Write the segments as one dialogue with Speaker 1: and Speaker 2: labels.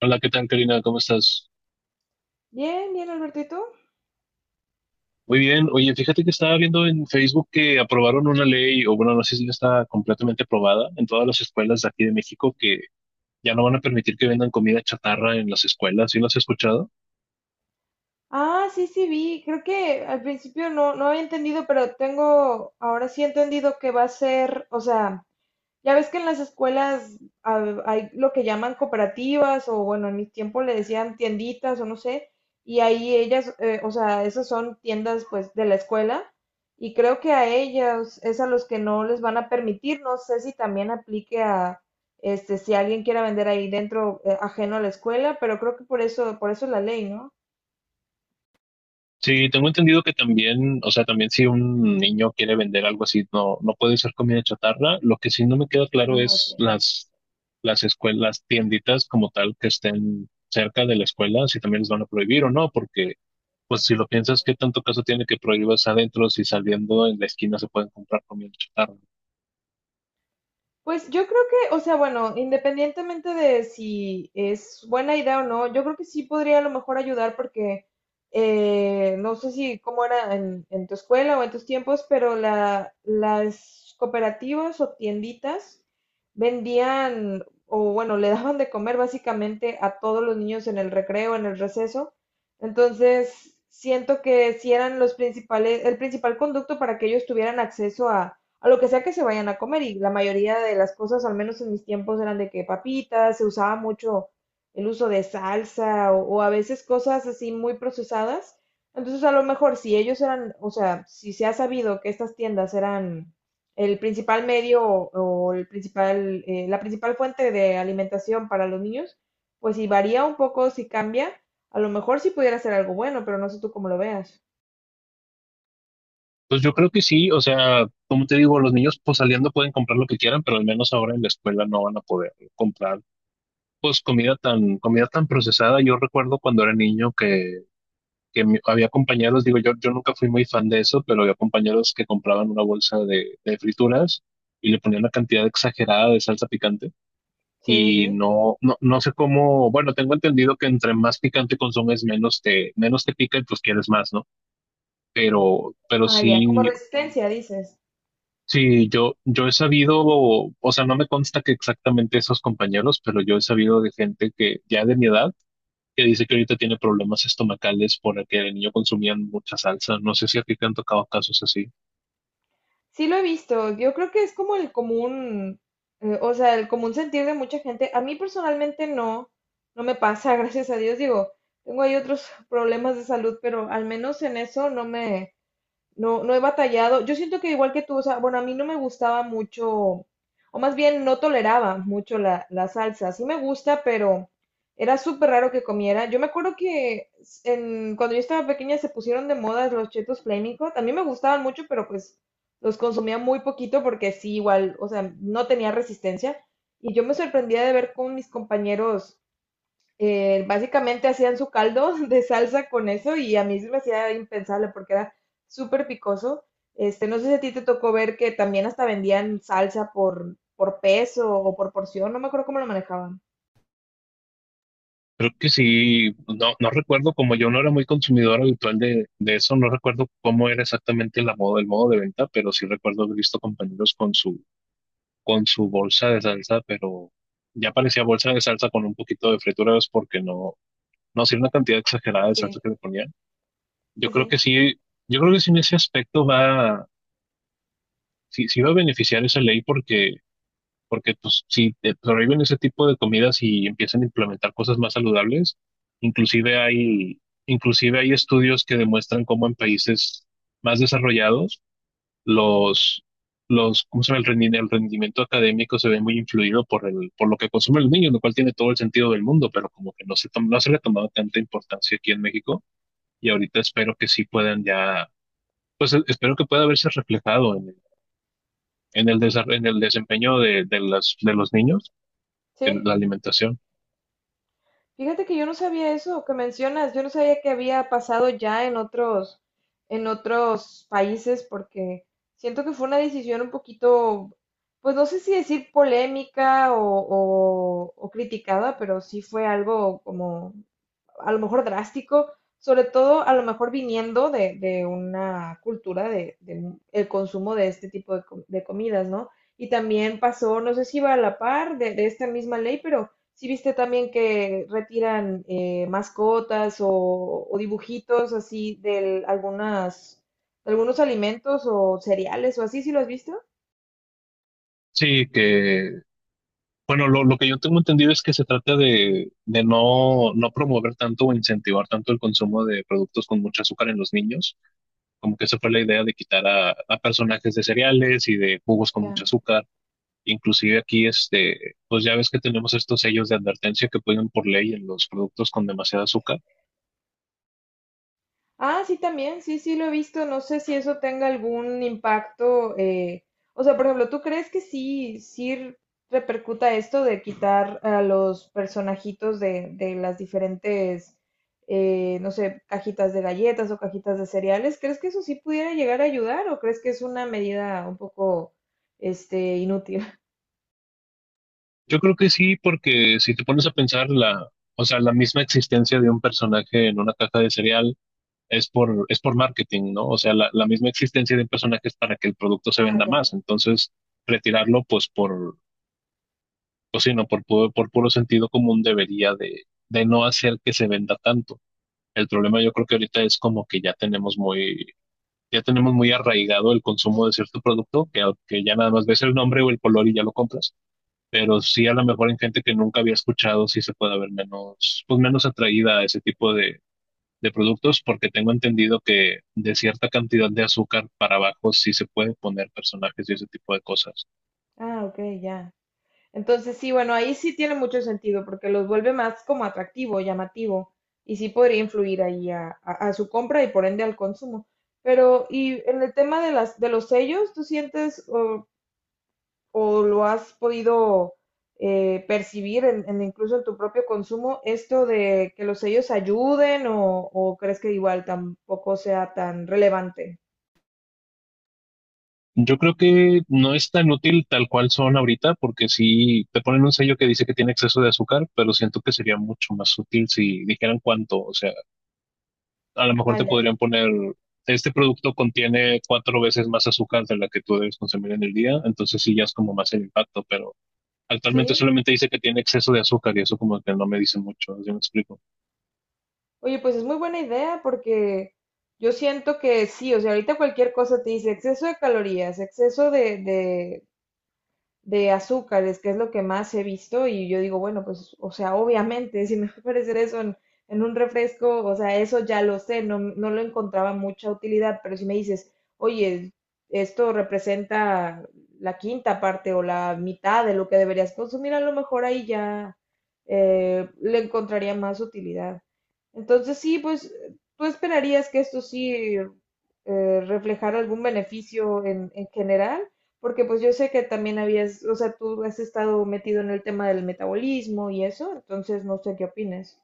Speaker 1: Hola, ¿qué tal, Karina? ¿Cómo estás?
Speaker 2: Bien, bien, Alberto, ¿y tú?
Speaker 1: Muy bien. Oye, fíjate que estaba viendo en Facebook que aprobaron una ley, o bueno, no sé si ya está completamente aprobada en todas las escuelas de aquí de México, que ya no van a permitir que vendan comida chatarra en las escuelas. ¿Sí lo has escuchado?
Speaker 2: Ah, sí, sí, vi. Creo que al principio no había entendido, pero tengo, ahora sí he entendido que va a ser, o sea, ya ves que en las escuelas hay lo que llaman cooperativas o bueno, en mi tiempo le decían tienditas o no sé, y ahí ellas, o sea, esas son tiendas pues de la escuela y creo que a ellas es a los que no les van a permitir, no sé si también aplique a este si alguien quiera vender ahí dentro ajeno a la escuela, pero creo que por eso es la ley, ¿no?
Speaker 1: Sí, tengo entendido que también, o sea, también si un niño quiere vender algo así, no puede ser comida chatarra. Lo que sí no me queda claro
Speaker 2: Ah,
Speaker 1: es
Speaker 2: ok.
Speaker 1: las escuelas, las tienditas como tal que estén cerca de la escuela, si también les van a prohibir o no, porque pues si lo piensas, ¿qué tanto caso tiene que prohíbas adentro si saliendo en la esquina se pueden comprar comida chatarra?
Speaker 2: Pues yo creo que, o sea, bueno, independientemente de si es buena idea o no, yo creo que sí podría a lo mejor ayudar porque no sé si cómo era en tu escuela o en tus tiempos, pero las cooperativas o tienditas vendían o bueno, le daban de comer básicamente a todos los niños en el recreo, en el receso. Entonces, siento que si eran los principales, el principal conducto para que ellos tuvieran acceso a lo que sea que se vayan a comer. Y la mayoría de las cosas, al menos en mis tiempos, eran de que papitas, se usaba mucho el uso de salsa o a veces cosas así muy procesadas. Entonces, a lo mejor si ellos eran, o sea, si se ha sabido que estas tiendas eran el principal medio o el principal, la principal fuente de alimentación para los niños, pues si varía un poco, si cambia, a lo mejor sí pudiera ser algo bueno, pero no sé tú cómo lo veas.
Speaker 1: Pues yo creo que sí, o sea, como te digo, los niños pues saliendo pueden comprar lo que quieran, pero al menos ahora en la escuela no van a poder comprar pues comida tan procesada. Yo recuerdo cuando era niño que había compañeros, digo, yo nunca fui muy fan de eso, pero había compañeros que compraban una bolsa de frituras y le ponían una cantidad exagerada de salsa picante
Speaker 2: Sí,
Speaker 1: y
Speaker 2: sí.
Speaker 1: no sé cómo, bueno, tengo entendido que entre más picante consumes, menos te pica y pues quieres más, ¿no? Pero
Speaker 2: Ah, ya, como
Speaker 1: sí,
Speaker 2: resistencia, dices.
Speaker 1: sí, yo he sabido, o sea, no me consta que exactamente esos compañeros, pero yo he sabido de gente que ya de mi edad, que dice que ahorita tiene problemas estomacales por el que de niño consumían mucha salsa. No sé si a ti te han tocado casos así.
Speaker 2: Sí lo he visto, yo creo que es como el común, o sea, el común sentir de mucha gente. A mí personalmente no, no me pasa, gracias a Dios. Digo, tengo ahí otros problemas de salud, pero al menos en eso no me, no, no he batallado. Yo siento que igual que tú, o sea, bueno, a mí no me gustaba mucho, o más bien no toleraba mucho la salsa. Sí me gusta, pero era súper raro que comiera. Yo me acuerdo que en, cuando yo estaba pequeña se pusieron de moda los chetos Flaming Hot. A mí me gustaban mucho, pero pues los consumía muy poquito porque sí, igual, o sea, no tenía resistencia. Y yo me sorprendía de ver cómo mis compañeros básicamente hacían su caldo de salsa con eso y a mí se me hacía impensable porque era súper picoso. Este, no sé si a ti te tocó ver que también hasta vendían salsa por peso o por porción, no me acuerdo cómo lo manejaban.
Speaker 1: Creo que sí, no, no recuerdo, como yo no era muy consumidor habitual de eso, no recuerdo cómo era exactamente la moda, el modo de venta, pero sí recuerdo haber visto compañeros con con su bolsa de salsa, pero ya parecía bolsa de salsa con un poquito de frituras porque no, sí era una cantidad exagerada de salsa
Speaker 2: Sí,
Speaker 1: que le ponían. Yo
Speaker 2: sí,
Speaker 1: creo que
Speaker 2: sí,
Speaker 1: sí, yo creo que sí en ese aspecto va, sí, sí va a beneficiar esa ley porque porque pues si te prohíben ese tipo de comidas y empiezan a implementar cosas más saludables, inclusive hay, inclusive hay estudios que demuestran cómo en países más desarrollados los, ¿cómo se llama? El rendimiento académico se ve muy influido por por lo que consumen los niños, lo cual tiene todo el sentido del mundo, pero como que no se, no se le ha tomado tanta importancia aquí en México y ahorita espero que sí puedan ya, pues espero que pueda verse reflejado en el, en el desempeño de de los niños
Speaker 2: sí.
Speaker 1: la alimentación.
Speaker 2: Fíjate que yo no sabía eso que mencionas, yo no sabía que había pasado ya en otros países, porque siento que fue una decisión un poquito, pues no sé si decir polémica o criticada, pero sí fue algo como a lo mejor drástico, sobre todo a lo mejor viniendo de una cultura de el consumo de este tipo de comidas, ¿no? Y también pasó, no sé si iba a la par de esta misma ley, pero sí viste también que retiran mascotas o dibujitos así de algunas, de algunos alimentos o cereales o así, ¿sí lo has visto?
Speaker 1: Sí, que, bueno, lo que yo tengo entendido es que se trata de no, no promover tanto o incentivar tanto el consumo de productos con mucho azúcar en los niños, como que esa fue la idea de quitar a personajes de cereales y de jugos con mucho azúcar. Inclusive aquí, este, pues ya ves que tenemos estos sellos de advertencia que ponen por ley en los productos con demasiado azúcar.
Speaker 2: Ah, sí, también, sí, sí lo he visto. No sé si eso tenga algún impacto. O sea, por ejemplo, ¿tú crees que sí, sí repercuta esto de quitar a los personajitos de las diferentes, no sé, cajitas de galletas o cajitas de cereales? ¿Crees que eso sí pudiera llegar a ayudar o crees que es una medida un poco, este, inútil?
Speaker 1: Yo creo que sí, porque si te pones a pensar o sea, la misma existencia de un personaje en una caja de cereal, es por marketing, ¿no? O sea, la misma existencia de un personaje es para que el producto se
Speaker 2: Ah,
Speaker 1: venda más.
Speaker 2: ya.
Speaker 1: Entonces, retirarlo, pues por, pues sí, no, por, por puro sentido común debería de no hacer que se venda tanto. El problema yo creo que ahorita es como que ya tenemos muy arraigado el consumo de cierto producto, que ya nada más ves el nombre o el color y ya lo compras. Pero sí a lo mejor en gente que nunca había escuchado, sí se puede ver menos, pues menos atraída a ese tipo de productos porque tengo entendido que de cierta cantidad de azúcar para abajo sí se puede poner personajes y ese tipo de cosas.
Speaker 2: Ah, ok, ya. Entonces, sí, bueno, ahí sí tiene mucho sentido porque los vuelve más como atractivo, llamativo y sí podría influir ahí a su compra y por ende al consumo. Pero, y en el tema de las, de los sellos, ¿tú sientes o lo has podido percibir en incluso en tu propio consumo esto de que los sellos ayuden o crees que igual tampoco sea tan relevante?
Speaker 1: Yo creo que no es tan útil tal cual son ahorita porque si te ponen un sello que dice que tiene exceso de azúcar, pero siento que sería mucho más útil si dijeran cuánto, o sea, a lo mejor
Speaker 2: Ah,
Speaker 1: te
Speaker 2: ya.
Speaker 1: podrían poner este producto contiene cuatro veces más azúcar de la que tú debes consumir en el día, entonces sí ya es como más el impacto, pero actualmente
Speaker 2: ¿Sí?
Speaker 1: solamente dice que tiene exceso de azúcar y eso como que no me dice mucho, ¿sí me explico?
Speaker 2: Oye, pues es muy buena idea porque yo siento que sí, o sea, ahorita cualquier cosa te dice exceso de calorías, exceso de azúcares, que es lo que más he visto, y yo digo, bueno, pues, o sea, obviamente, si me va a aparecer eso en un refresco, o sea, eso ya lo sé, no, no lo encontraba mucha utilidad, pero si me dices, oye, esto representa la quinta parte o la mitad de lo que deberías consumir, a lo mejor ahí ya le encontraría más utilidad. Entonces sí, pues tú esperarías que esto sí reflejara algún beneficio en general, porque pues yo sé que también habías, o sea, tú has estado metido en el tema del metabolismo y eso, entonces no sé qué opines.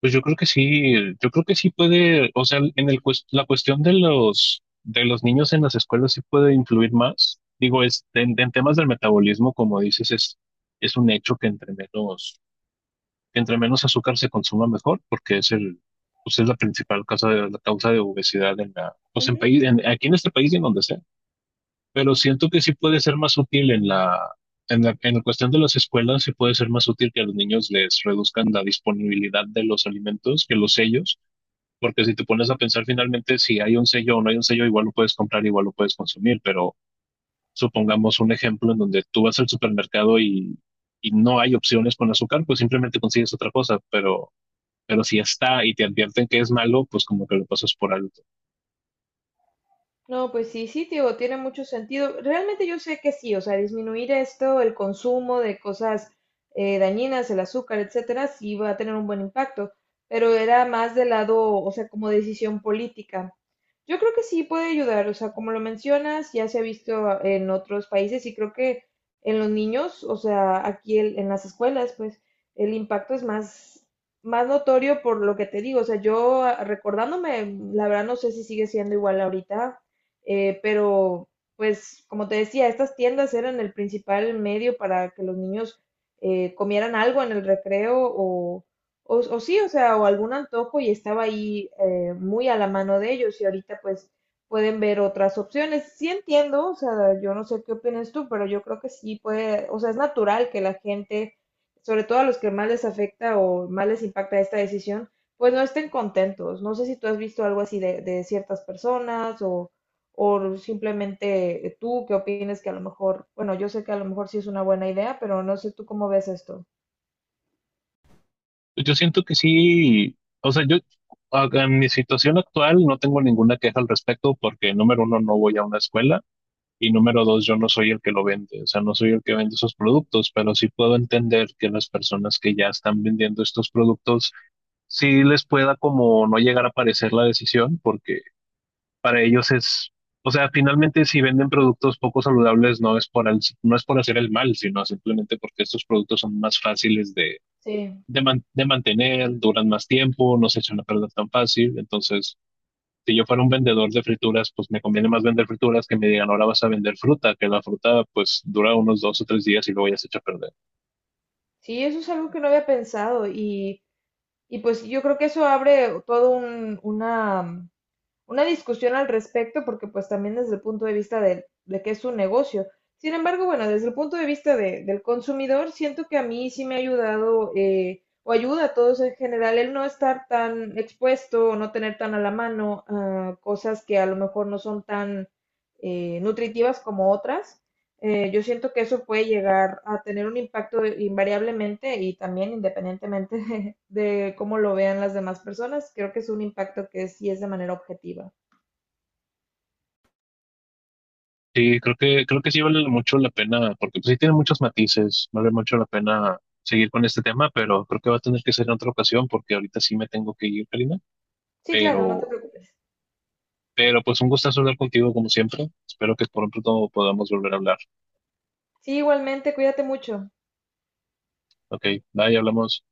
Speaker 1: Pues yo creo que sí, yo creo que sí puede, o sea, en el la cuestión de los niños en las escuelas sí puede influir más. Digo, es en temas del metabolismo, como dices, es un hecho que entre menos azúcar se consuma mejor, porque es el pues es la principal causa de la causa de obesidad en la pues
Speaker 2: Ujú.
Speaker 1: aquí en este país y en donde sea. Pero siento que sí puede ser más útil en la en la, en la cuestión de las escuelas, sí puede ser más útil que a los niños les reduzcan la disponibilidad de los alimentos, que los sellos, porque si te pones a pensar finalmente si hay un sello o no hay un sello, igual lo puedes comprar, igual lo puedes consumir, pero supongamos un ejemplo en donde tú vas al supermercado y no hay opciones con azúcar, pues simplemente consigues otra cosa, pero si está y te advierten que es malo, pues como que lo pasas por alto.
Speaker 2: No, pues sí, sí, tío, tiene mucho sentido. Realmente yo sé que sí, o sea, disminuir esto, el consumo de cosas dañinas, el azúcar, etcétera, sí va a tener un buen impacto, pero era más del lado, o sea, como decisión política. Yo creo que sí puede ayudar, o sea, como lo mencionas, ya se ha visto en otros países y creo que en los niños, o sea, aquí en las escuelas, pues el impacto es más, más notorio por lo que te digo, o sea, yo recordándome, la verdad no sé si sigue siendo igual ahorita, pero pues como te decía, estas tiendas eran el principal medio para que los niños comieran algo en el recreo o sí, o sea, o algún antojo y estaba ahí muy a la mano de ellos y ahorita pues pueden ver otras opciones. Sí entiendo, o sea, yo no sé qué opinas tú, pero yo creo que sí puede, o sea, es natural que la gente, sobre todo a los que más les afecta o más les impacta esta decisión, pues no estén contentos. No sé si tú has visto algo así de ciertas personas o simplemente tú que opinas que a lo mejor, bueno, yo sé que a lo mejor sí es una buena idea, pero no sé tú cómo ves esto.
Speaker 1: Yo siento que sí, o sea, en mi situación actual no tengo ninguna queja al respecto porque número uno no voy a una escuela. Y número dos, yo no soy el que lo vende, o sea, no soy el que vende esos productos, pero sí puedo entender que las personas que ya están vendiendo estos productos, sí les pueda como no llegar a parecer la decisión, porque para ellos es, o sea, finalmente si venden productos poco saludables no es por, no es por hacer el mal, sino simplemente porque estos productos son más fáciles
Speaker 2: Sí.
Speaker 1: de mantener, duran más tiempo, no se echan a perder tan fácil, entonces si yo fuera un vendedor de frituras, pues me conviene más vender frituras que me digan, ahora vas a vender fruta, que la fruta pues dura unos dos o tres días y luego ya se echa a perder.
Speaker 2: Sí, eso es algo que no había pensado y pues yo creo que eso abre una discusión al respecto porque pues también desde el punto de vista de que es un negocio. Sin embargo, bueno, desde el punto de vista del consumidor, siento que a mí sí me ha ayudado o ayuda a todos en general el no estar tan expuesto o no tener tan a la mano cosas que a lo mejor no son tan nutritivas como otras. Yo siento que eso puede llegar a tener un impacto invariablemente y también independientemente de cómo lo vean las demás personas. Creo que es un impacto que sí es de manera objetiva.
Speaker 1: Sí, creo que sí vale mucho la pena, porque pues, sí tiene muchos matices, vale mucho la pena seguir con este tema, pero creo que va a tener que ser en otra ocasión, porque ahorita sí me tengo que ir, Karina,
Speaker 2: Sí, claro, no te
Speaker 1: pero...
Speaker 2: preocupes.
Speaker 1: Pero pues un gustazo hablar contigo como siempre. Espero que por pronto podamos volver a hablar.
Speaker 2: Sí, igualmente, cuídate mucho.
Speaker 1: Ok, bye, hablamos.